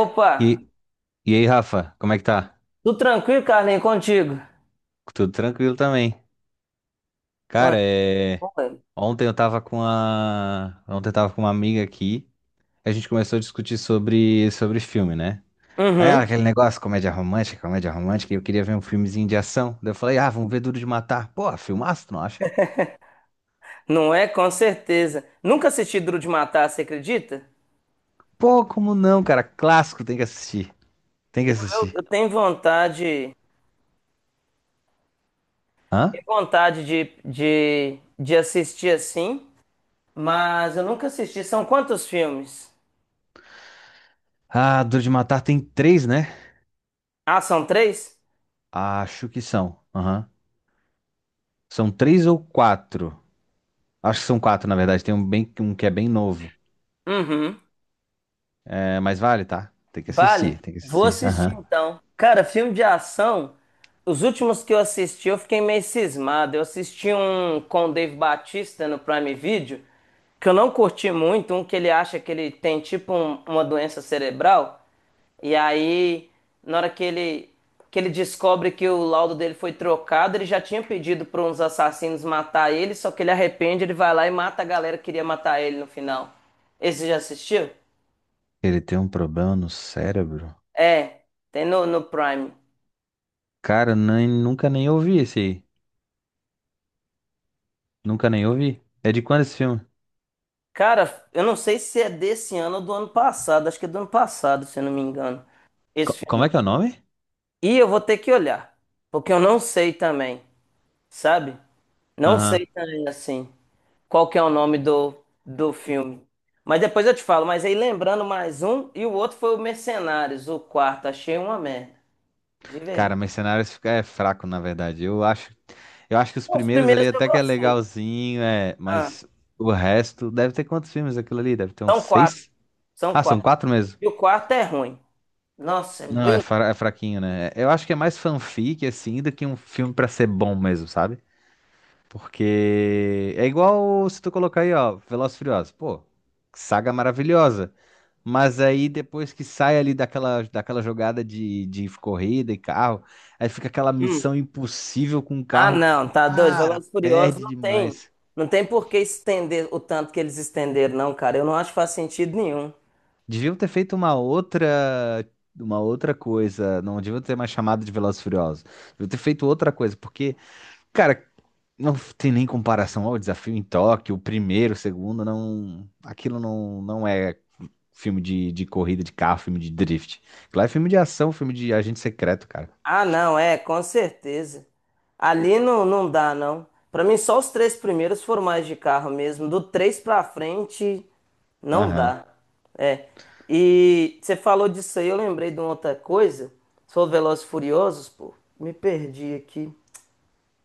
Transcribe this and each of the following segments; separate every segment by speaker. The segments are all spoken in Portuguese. Speaker 1: Opa,
Speaker 2: E, e aí, Rafa, como é que tá?
Speaker 1: tudo tranquilo, Carlinhos, contigo?
Speaker 2: Tudo tranquilo também.
Speaker 1: Mano,
Speaker 2: Cara,
Speaker 1: bom, velho.
Speaker 2: ontem eu tava com uma amiga aqui, a gente começou a discutir sobre filme, né? Aí ela,
Speaker 1: Uhum.
Speaker 2: aquele negócio, comédia romântica, e eu queria ver um filmezinho de ação. Daí eu falei, ah, vamos ver Duro de Matar. Pô, filmaço, tu não acha?
Speaker 1: Não é? Com certeza. Nunca assisti Duro de Matar, você acredita?
Speaker 2: Pô, como não, cara? Clássico, tem que assistir. Tem que
Speaker 1: Eu, eu-
Speaker 2: assistir.
Speaker 1: eu tenho
Speaker 2: Hã?
Speaker 1: vontade de assistir assim, mas eu nunca assisti. São quantos filmes?
Speaker 2: Ah, Duro de Matar tem três, né?
Speaker 1: Ah, são três?
Speaker 2: Acho que são. Aham. São três ou quatro. Acho que são quatro, na verdade. Tem um, bem, um que é bem novo.
Speaker 1: Uhum.
Speaker 2: É, mas vale, tá?
Speaker 1: Vale,
Speaker 2: Tem que
Speaker 1: vou
Speaker 2: assistir.
Speaker 1: assistir
Speaker 2: Aham.
Speaker 1: então. Cara, filme de ação, os últimos que eu assisti eu fiquei meio cismado. Eu assisti um com o Dave Batista no Prime Video, que eu não curti muito, um que ele acha que ele tem tipo uma doença cerebral, e aí na hora que ele descobre que o laudo dele foi trocado, ele já tinha pedido para uns assassinos matar ele, só que ele arrepende, ele vai lá e mata a galera que queria matar ele no final. Esse já assistiu?
Speaker 2: Ele tem um problema no cérebro?
Speaker 1: É, tem no Prime.
Speaker 2: Cara, nem, nunca nem ouvi esse aí. Nunca nem ouvi. É de quando esse filme?
Speaker 1: Cara, eu não sei se é desse ano ou do ano passado, acho que é do ano passado, se eu não me engano, esse
Speaker 2: Como
Speaker 1: filme.
Speaker 2: é que é o nome?
Speaker 1: E eu vou ter que olhar, porque eu não sei também, sabe? Não sei
Speaker 2: Aham.
Speaker 1: também, assim, qual que é o nome do filme. Mas depois eu te falo, mas aí lembrando mais um, e o outro foi o Mercenários, o quarto, achei uma merda, de verdade.
Speaker 2: Cara, Mercenários é fraco, na verdade. Eu acho que os
Speaker 1: Não, os
Speaker 2: primeiros
Speaker 1: primeiros
Speaker 2: ali
Speaker 1: eu
Speaker 2: até que é
Speaker 1: gostei.
Speaker 2: legalzinho, é,
Speaker 1: Ah,
Speaker 2: mas o resto. Deve ter quantos filmes aquilo ali? Deve ter uns
Speaker 1: são quatro,
Speaker 2: seis?
Speaker 1: são
Speaker 2: Ah, são
Speaker 1: quatro.
Speaker 2: quatro mesmo.
Speaker 1: E o quarto é ruim. Nossa, é
Speaker 2: Não, é,
Speaker 1: bem.
Speaker 2: é fraquinho, né? Eu acho que é mais fanfic, assim, do que um filme pra ser bom mesmo, sabe? Porque é igual se tu colocar aí, ó, Velozes e Furiosos. Pô, saga maravilhosa. Mas aí depois que sai ali daquela jogada de corrida e carro, aí fica aquela
Speaker 1: Hum.
Speaker 2: missão impossível com o
Speaker 1: Ah,
Speaker 2: carro.
Speaker 1: não, tá doido.
Speaker 2: Cara,
Speaker 1: Velozes e Furiosos
Speaker 2: perde
Speaker 1: não tem,
Speaker 2: demais.
Speaker 1: não tem por que estender o tanto que eles estenderam, não, cara. Eu não acho que faz sentido nenhum.
Speaker 2: Deviam ter feito uma outra coisa. Não deviam ter mais chamado de Velozes e Furiosos. Deviam ter feito outra coisa, porque, cara, não tem nem comparação ao desafio em Tóquio, o primeiro, o segundo, não, aquilo não é filme de corrida de carro, filme de drift. Lá é filme de ação, filme de agente secreto, cara.
Speaker 1: Ah, não, é, com certeza. Ali não, não dá, não. Pra mim, só os três primeiros foram mais de carro mesmo. Do três pra frente, não
Speaker 2: Aham.
Speaker 1: dá. É. E você falou disso aí, eu lembrei de uma outra coisa. Sou Velozes e Furiosos, pô. Me perdi aqui.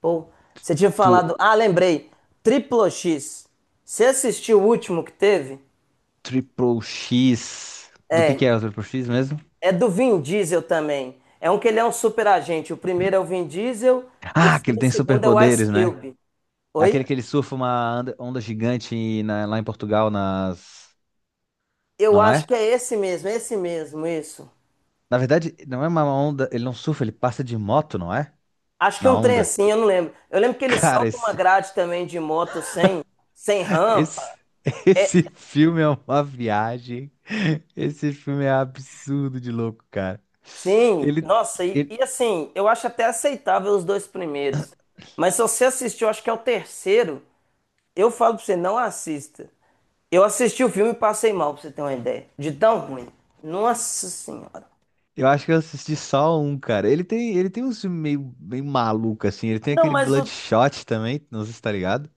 Speaker 1: Pô, você tinha
Speaker 2: Tu,
Speaker 1: falado. Ah, lembrei. Triplo X. Você assistiu o último que teve?
Speaker 2: Triple X. Do
Speaker 1: É.
Speaker 2: que é o Triple X mesmo?
Speaker 1: É do Vin Diesel também. É um que ele é um super agente. O primeiro é o Vin Diesel, o
Speaker 2: Ah, que ele tem
Speaker 1: segundo é o Ice
Speaker 2: superpoderes, né?
Speaker 1: Cube.
Speaker 2: É
Speaker 1: Oi?
Speaker 2: aquele que ele surfa uma onda, onda gigante lá em Portugal, nas.
Speaker 1: Eu
Speaker 2: Não
Speaker 1: acho
Speaker 2: é?
Speaker 1: que é esse mesmo, isso.
Speaker 2: Na verdade, não é uma onda. Ele não surfa, ele passa de moto, não é?
Speaker 1: Acho que é
Speaker 2: Na
Speaker 1: um trem
Speaker 2: onda.
Speaker 1: assim, eu não lembro. Eu lembro que ele
Speaker 2: Cara,
Speaker 1: salta uma
Speaker 2: esse.
Speaker 1: grade também de moto sem, sem rampa.
Speaker 2: Esse, esse filme é uma viagem. Esse filme é absurdo de louco, cara.
Speaker 1: Sim,
Speaker 2: Ele.
Speaker 1: nossa, e,
Speaker 2: ele,
Speaker 1: e assim, eu acho até aceitável os dois primeiros. Mas se você assistiu, acho que é o terceiro. Eu falo pra você, não assista. Eu assisti o filme e passei mal, pra você ter uma ideia. De tão ruim. Nossa Senhora.
Speaker 2: Eu acho que eu assisti só um, cara. Ele tem uns filmes meio maluco, assim. Ele tem
Speaker 1: Não,
Speaker 2: aquele
Speaker 1: mas o.
Speaker 2: Bloodshot também, não sei se tá ligado.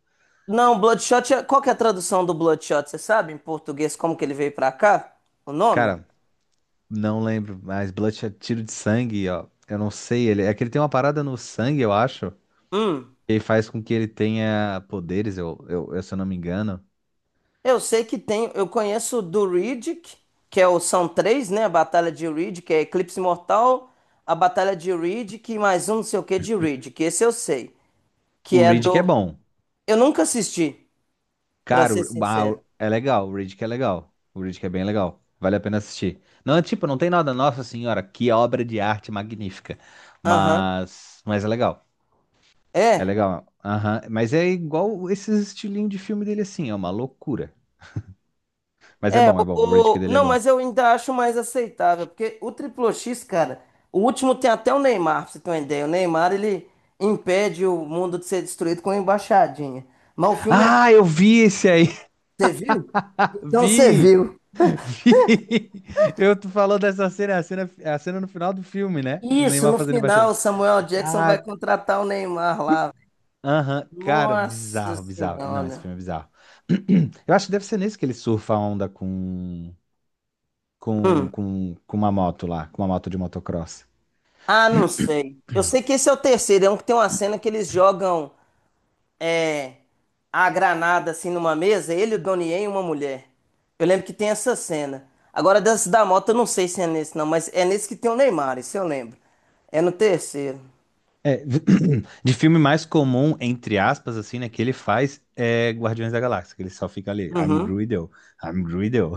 Speaker 1: Não, Bloodshot. Qual que é a tradução do Bloodshot? Você sabe em português como que ele veio pra cá? O nome?
Speaker 2: Cara, não lembro, mas Bloodshot, é tiro de sangue, ó. Eu não sei, ele, é que ele tem uma parada no sangue, eu acho,
Speaker 1: Hum.
Speaker 2: que faz com que ele tenha poderes, se eu não me engano.
Speaker 1: Eu sei que tem. Eu conheço o do Riddick, que é o, são três, né? A Batalha de Riddick, que é Eclipse Mortal, a Batalha de Riddick e mais um não sei o que de Riddick. Esse eu sei.
Speaker 2: O
Speaker 1: Que é
Speaker 2: Reed que é
Speaker 1: do.
Speaker 2: bom.
Speaker 1: Eu nunca assisti, pra
Speaker 2: Cara,
Speaker 1: ser sincero.
Speaker 2: é legal, o Reed que é legal. O Reed que é bem legal. Vale a pena assistir. Não, tipo, não tem nada, nossa senhora, que obra de arte magnífica.
Speaker 1: Aham.
Speaker 2: Mas é legal. É
Speaker 1: É.
Speaker 2: legal. Aham. Mas é igual esses estilinhos de filme dele assim, é uma loucura. É bom. O Riddick dele é
Speaker 1: Não,
Speaker 2: bom.
Speaker 1: mas eu ainda acho mais aceitável, porque o triplo X, cara, o último tem até o Neymar, pra você ter uma ideia. O Neymar, ele impede o mundo de ser destruído com uma embaixadinha. Mas o filme é.
Speaker 2: Ah, eu vi esse aí.
Speaker 1: Você viu? Então você
Speaker 2: Vi!
Speaker 1: viu.
Speaker 2: Vi! Eu tu falou dessa cena, a cena no final do filme, né? Do
Speaker 1: Isso,
Speaker 2: Neymar
Speaker 1: no
Speaker 2: fazendo
Speaker 1: final, o
Speaker 2: embaixadinha.
Speaker 1: Samuel Jackson
Speaker 2: Ah,
Speaker 1: vai contratar o Neymar lá.
Speaker 2: aham. Cara,
Speaker 1: Nossa
Speaker 2: bizarro. Não, esse
Speaker 1: Senhora.
Speaker 2: filme é bizarro. Eu acho que deve ser nesse que ele surfa a onda com, com uma moto lá, com uma moto de motocross.
Speaker 1: Ah, não sei. Eu sei que esse é o terceiro, é um que tem uma cena que eles jogam. É, a granada assim numa mesa, ele, o Donnie Yen e uma mulher. Eu lembro que tem essa cena. Agora, dessa da moto, eu não sei se é nesse não, mas é nesse que tem o Neymar, isso eu lembro. É no terceiro.
Speaker 2: É, de filme mais comum, entre aspas, assim, né, que ele faz é Guardiões da Galáxia, que ele só fica ali,
Speaker 1: Uhum.
Speaker 2: I'm Greedo.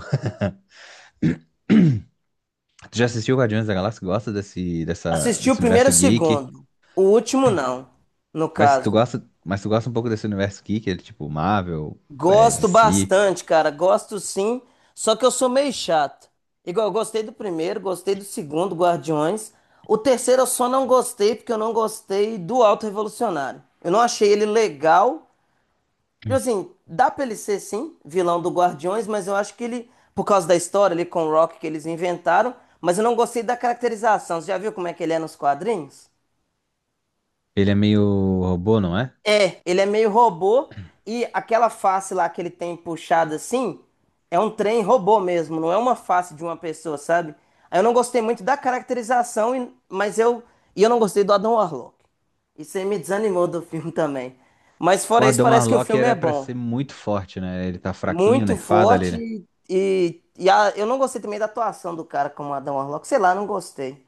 Speaker 2: Tu já assistiu Guardiões da Galáxia? Gosta
Speaker 1: Assisti o
Speaker 2: desse
Speaker 1: primeiro e
Speaker 2: universo
Speaker 1: o
Speaker 2: geek?
Speaker 1: segundo. O último não, no
Speaker 2: Mas se tu
Speaker 1: caso.
Speaker 2: gosta, mas tu gosta um pouco desse universo geek, ele, tipo Marvel, é,
Speaker 1: Gosto
Speaker 2: DC,
Speaker 1: bastante, cara. Gosto sim. Só que eu sou meio chato. Igual, eu gostei do primeiro, gostei do segundo, Guardiões. O terceiro eu só não gostei porque eu não gostei do Alto Revolucionário. Eu não achei ele legal. Tipo assim, dá pra ele ser sim, vilão do Guardiões, mas eu acho que ele, por causa da história ali com o Rock que eles inventaram, mas eu não gostei da caracterização. Você já viu como é que ele é nos quadrinhos?
Speaker 2: ele é meio robô, não é?
Speaker 1: É, ele é meio robô e aquela face lá que ele tem puxada assim é um trem robô mesmo, não é uma face de uma pessoa, sabe? Aí eu não gostei muito da caracterização, mas eu. E eu não gostei do Adam Warlock. Isso aí me desanimou do filme também. Mas
Speaker 2: O
Speaker 1: fora isso,
Speaker 2: Adam
Speaker 1: parece que o
Speaker 2: Arlock
Speaker 1: filme é
Speaker 2: era pra
Speaker 1: bom.
Speaker 2: ser muito forte, né? Ele tá fraquinho,
Speaker 1: Muito
Speaker 2: nerfado ali,
Speaker 1: forte
Speaker 2: né?
Speaker 1: eu não gostei também da atuação do cara como Adam Warlock. Sei lá, não gostei.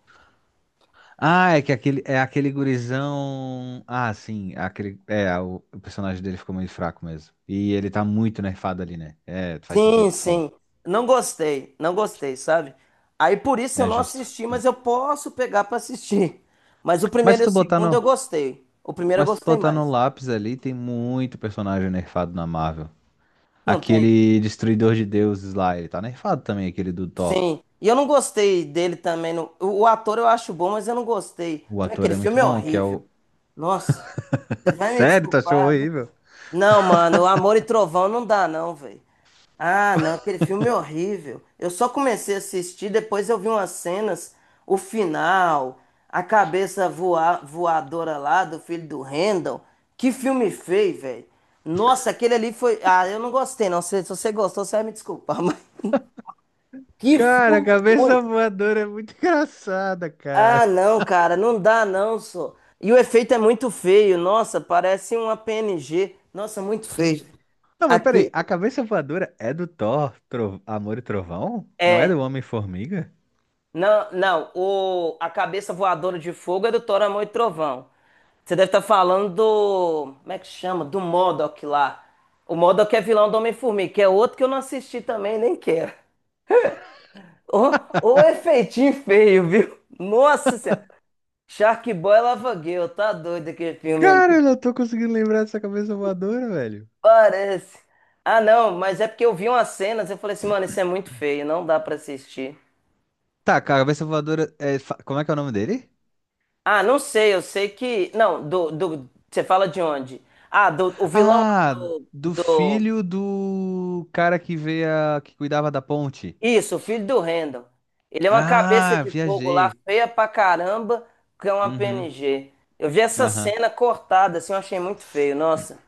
Speaker 2: Ah, é que aquele, é aquele gurizão. Ah, sim, aquele. É, o personagem dele ficou meio fraco mesmo. E ele tá muito nerfado ali, né? É, faz sentido, o
Speaker 1: Sim,
Speaker 2: que tu falou.
Speaker 1: sim. Não gostei, não gostei, sabe? Aí por isso eu
Speaker 2: É
Speaker 1: não
Speaker 2: justo.
Speaker 1: assisti, mas eu posso pegar pra assistir. Mas o
Speaker 2: Mas
Speaker 1: primeiro
Speaker 2: se
Speaker 1: e o
Speaker 2: tu botar
Speaker 1: segundo eu
Speaker 2: no.
Speaker 1: gostei. O primeiro eu
Speaker 2: Mas se tu
Speaker 1: gostei
Speaker 2: botar no
Speaker 1: mais.
Speaker 2: lápis ali, tem muito personagem nerfado na Marvel.
Speaker 1: Não tem.
Speaker 2: Aquele Destruidor de Deuses lá, ele tá nerfado também, aquele do Thor.
Speaker 1: Sim. E eu não gostei dele também. O ator eu acho bom, mas eu não gostei.
Speaker 2: O
Speaker 1: Também
Speaker 2: ator
Speaker 1: aquele
Speaker 2: é muito
Speaker 1: filme é
Speaker 2: bom, que é
Speaker 1: horrível.
Speaker 2: o.
Speaker 1: Nossa, você vai me
Speaker 2: Sério, tu achou
Speaker 1: desculpar.
Speaker 2: horrível?
Speaker 1: Não, mano, Amor e Trovão não dá, não, velho. Ah, não, aquele filme é horrível. Eu só comecei a assistir, depois eu vi umas cenas, o final, a cabeça voadora lá do filho do Randall. Que filme feio, velho. Nossa, aquele ali foi. Ah, eu não gostei, não. Se você gostou, você vai me desculpar, mas. Que
Speaker 2: Cara, a
Speaker 1: filme ruim.
Speaker 2: cabeça voadora é muito engraçada,
Speaker 1: Ah,
Speaker 2: cara.
Speaker 1: não, cara, não dá, não, só. E o efeito é muito feio. Nossa, parece uma PNG. Nossa, muito feio.
Speaker 2: Não, mas peraí,
Speaker 1: Aqui.
Speaker 2: a cabeça voadora é do Thor, Amor e Trovão? Não é
Speaker 1: É,
Speaker 2: do Homem-Formiga?
Speaker 1: não, não, o, a cabeça voadora de fogo é do Thor, Amor e Trovão. Você deve estar falando do. Como é que chama? Do MODOK lá. O MODOK é vilão do Homem-Formiga, que é outro que eu não assisti também, nem quero. Ô, efeitinho feio, viu? Nossa Senhora. Sharkboy e Lava Girl, tá doido aquele filme
Speaker 2: Cara,
Speaker 1: ali.
Speaker 2: eu não tô conseguindo lembrar dessa cabeça voadora, velho.
Speaker 1: Parece. Ah, não, mas é porque eu vi umas cenas e eu falei assim, mano, isso é muito feio, não dá pra assistir.
Speaker 2: Tá, cabeça voadora é. Como é que é o nome dele?
Speaker 1: Ah, não sei, eu sei que. Não, do você fala de onde? Ah, do, o vilão
Speaker 2: Ah, do
Speaker 1: do.
Speaker 2: filho do cara que veio que cuidava da ponte.
Speaker 1: Isso, o filho do Randall. Ele é uma cabeça
Speaker 2: Ah,
Speaker 1: de fogo lá,
Speaker 2: viajei.
Speaker 1: feia pra caramba, que é uma
Speaker 2: Uhum.
Speaker 1: PNG. Eu vi essa
Speaker 2: Aham.
Speaker 1: cena cortada, assim, eu achei muito feio, nossa.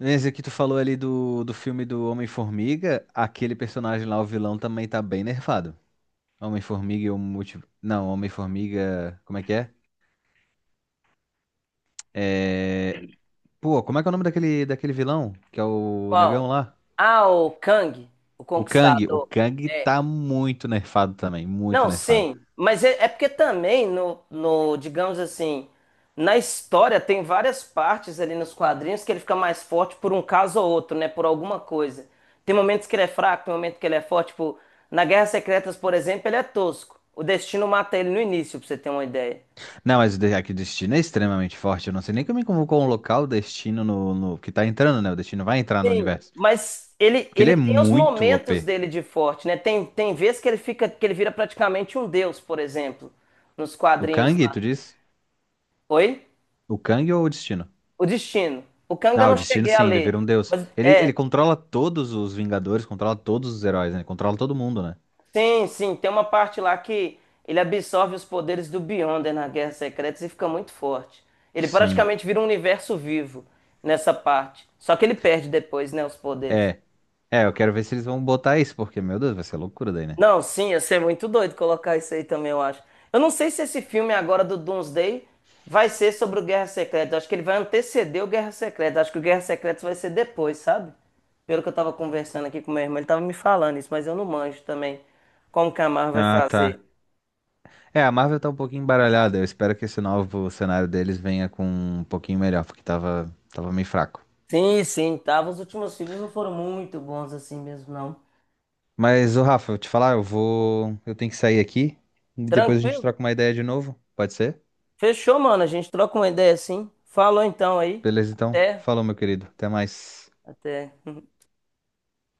Speaker 2: Esse que tu falou ali do filme do Homem-Formiga, aquele personagem lá, o vilão, também tá bem nerfado. Homem-Formiga e o multi... Não, Homem-Formiga. Como é que é? É, Pô, como é que é o nome daquele vilão? Que é o
Speaker 1: Qual?
Speaker 2: negão lá?
Speaker 1: Ah, o Kang, o
Speaker 2: O Kang. O
Speaker 1: Conquistador.
Speaker 2: Kang
Speaker 1: É,
Speaker 2: tá muito nerfado também. Muito
Speaker 1: não,
Speaker 2: nerfado.
Speaker 1: sim, mas é, é porque também no, digamos assim, na história tem várias partes ali nos quadrinhos que ele fica mais forte por um caso ou outro, né? Por alguma coisa. Tem momentos que ele é fraco, tem momentos que ele é forte. Tipo, na Guerra Secretas, por exemplo, ele é tosco. O Destino mata ele no início, pra você ter uma ideia.
Speaker 2: Não, mas o aqui o Destino é extremamente forte. Eu não sei nem como convocou um local o Destino no Que tá entrando, né? O Destino vai entrar no
Speaker 1: Sim,
Speaker 2: universo.
Speaker 1: mas ele,
Speaker 2: Porque ele
Speaker 1: ele
Speaker 2: é
Speaker 1: tem os
Speaker 2: muito
Speaker 1: momentos
Speaker 2: OP.
Speaker 1: dele de forte, né? Tem, tem vezes que ele fica, que ele vira praticamente um deus, por exemplo, nos
Speaker 2: O
Speaker 1: quadrinhos
Speaker 2: Kang,
Speaker 1: lá.
Speaker 2: tu diz?
Speaker 1: Oi?
Speaker 2: O Kang ou o Destino?
Speaker 1: O Destino. O Kang eu
Speaker 2: Ah, o
Speaker 1: não
Speaker 2: Destino
Speaker 1: cheguei a
Speaker 2: sim, ele vira
Speaker 1: ler.
Speaker 2: um deus.
Speaker 1: Mas é,
Speaker 2: Ele controla todos os Vingadores, controla todos os heróis, né? Ele controla todo mundo, né?
Speaker 1: sim, sim, tem uma parte lá que ele absorve os poderes do Beyonder na Guerra Secretas e fica muito forte. Ele
Speaker 2: Sim.
Speaker 1: praticamente vira um universo vivo nessa parte. Só que ele perde depois, né, os poderes.
Speaker 2: É. É, eu quero ver se eles vão botar isso, porque, meu Deus, vai ser loucura daí, né?
Speaker 1: Não, sim, ia ser muito doido colocar isso aí também, eu acho. Eu não sei se esse filme agora do Doomsday vai ser sobre o Guerra Secreta. Eu acho que ele vai anteceder o Guerra Secreta. Eu acho que o Guerra Secreta vai ser depois, sabe? Pelo que eu tava conversando aqui com meu irmão, ele tava me falando isso, mas eu não manjo também como que a Marvel vai
Speaker 2: Ah,
Speaker 1: fazer.
Speaker 2: tá. É, a Marvel tá um pouquinho embaralhada. Eu espero que esse novo cenário deles venha com um pouquinho melhor, porque tava meio fraco.
Speaker 1: Sim, sim, tava. Os últimos filmes não foram muito bons assim mesmo, não.
Speaker 2: Mas, ô Rafa, eu te falar, eu vou. Eu tenho que sair aqui e depois a gente
Speaker 1: Tranquilo?
Speaker 2: troca uma ideia de novo. Pode ser?
Speaker 1: Fechou, mano. A gente troca uma ideia assim. Falou então aí.
Speaker 2: Beleza, então.
Speaker 1: Até.
Speaker 2: Falou, meu querido. Até mais.
Speaker 1: Até.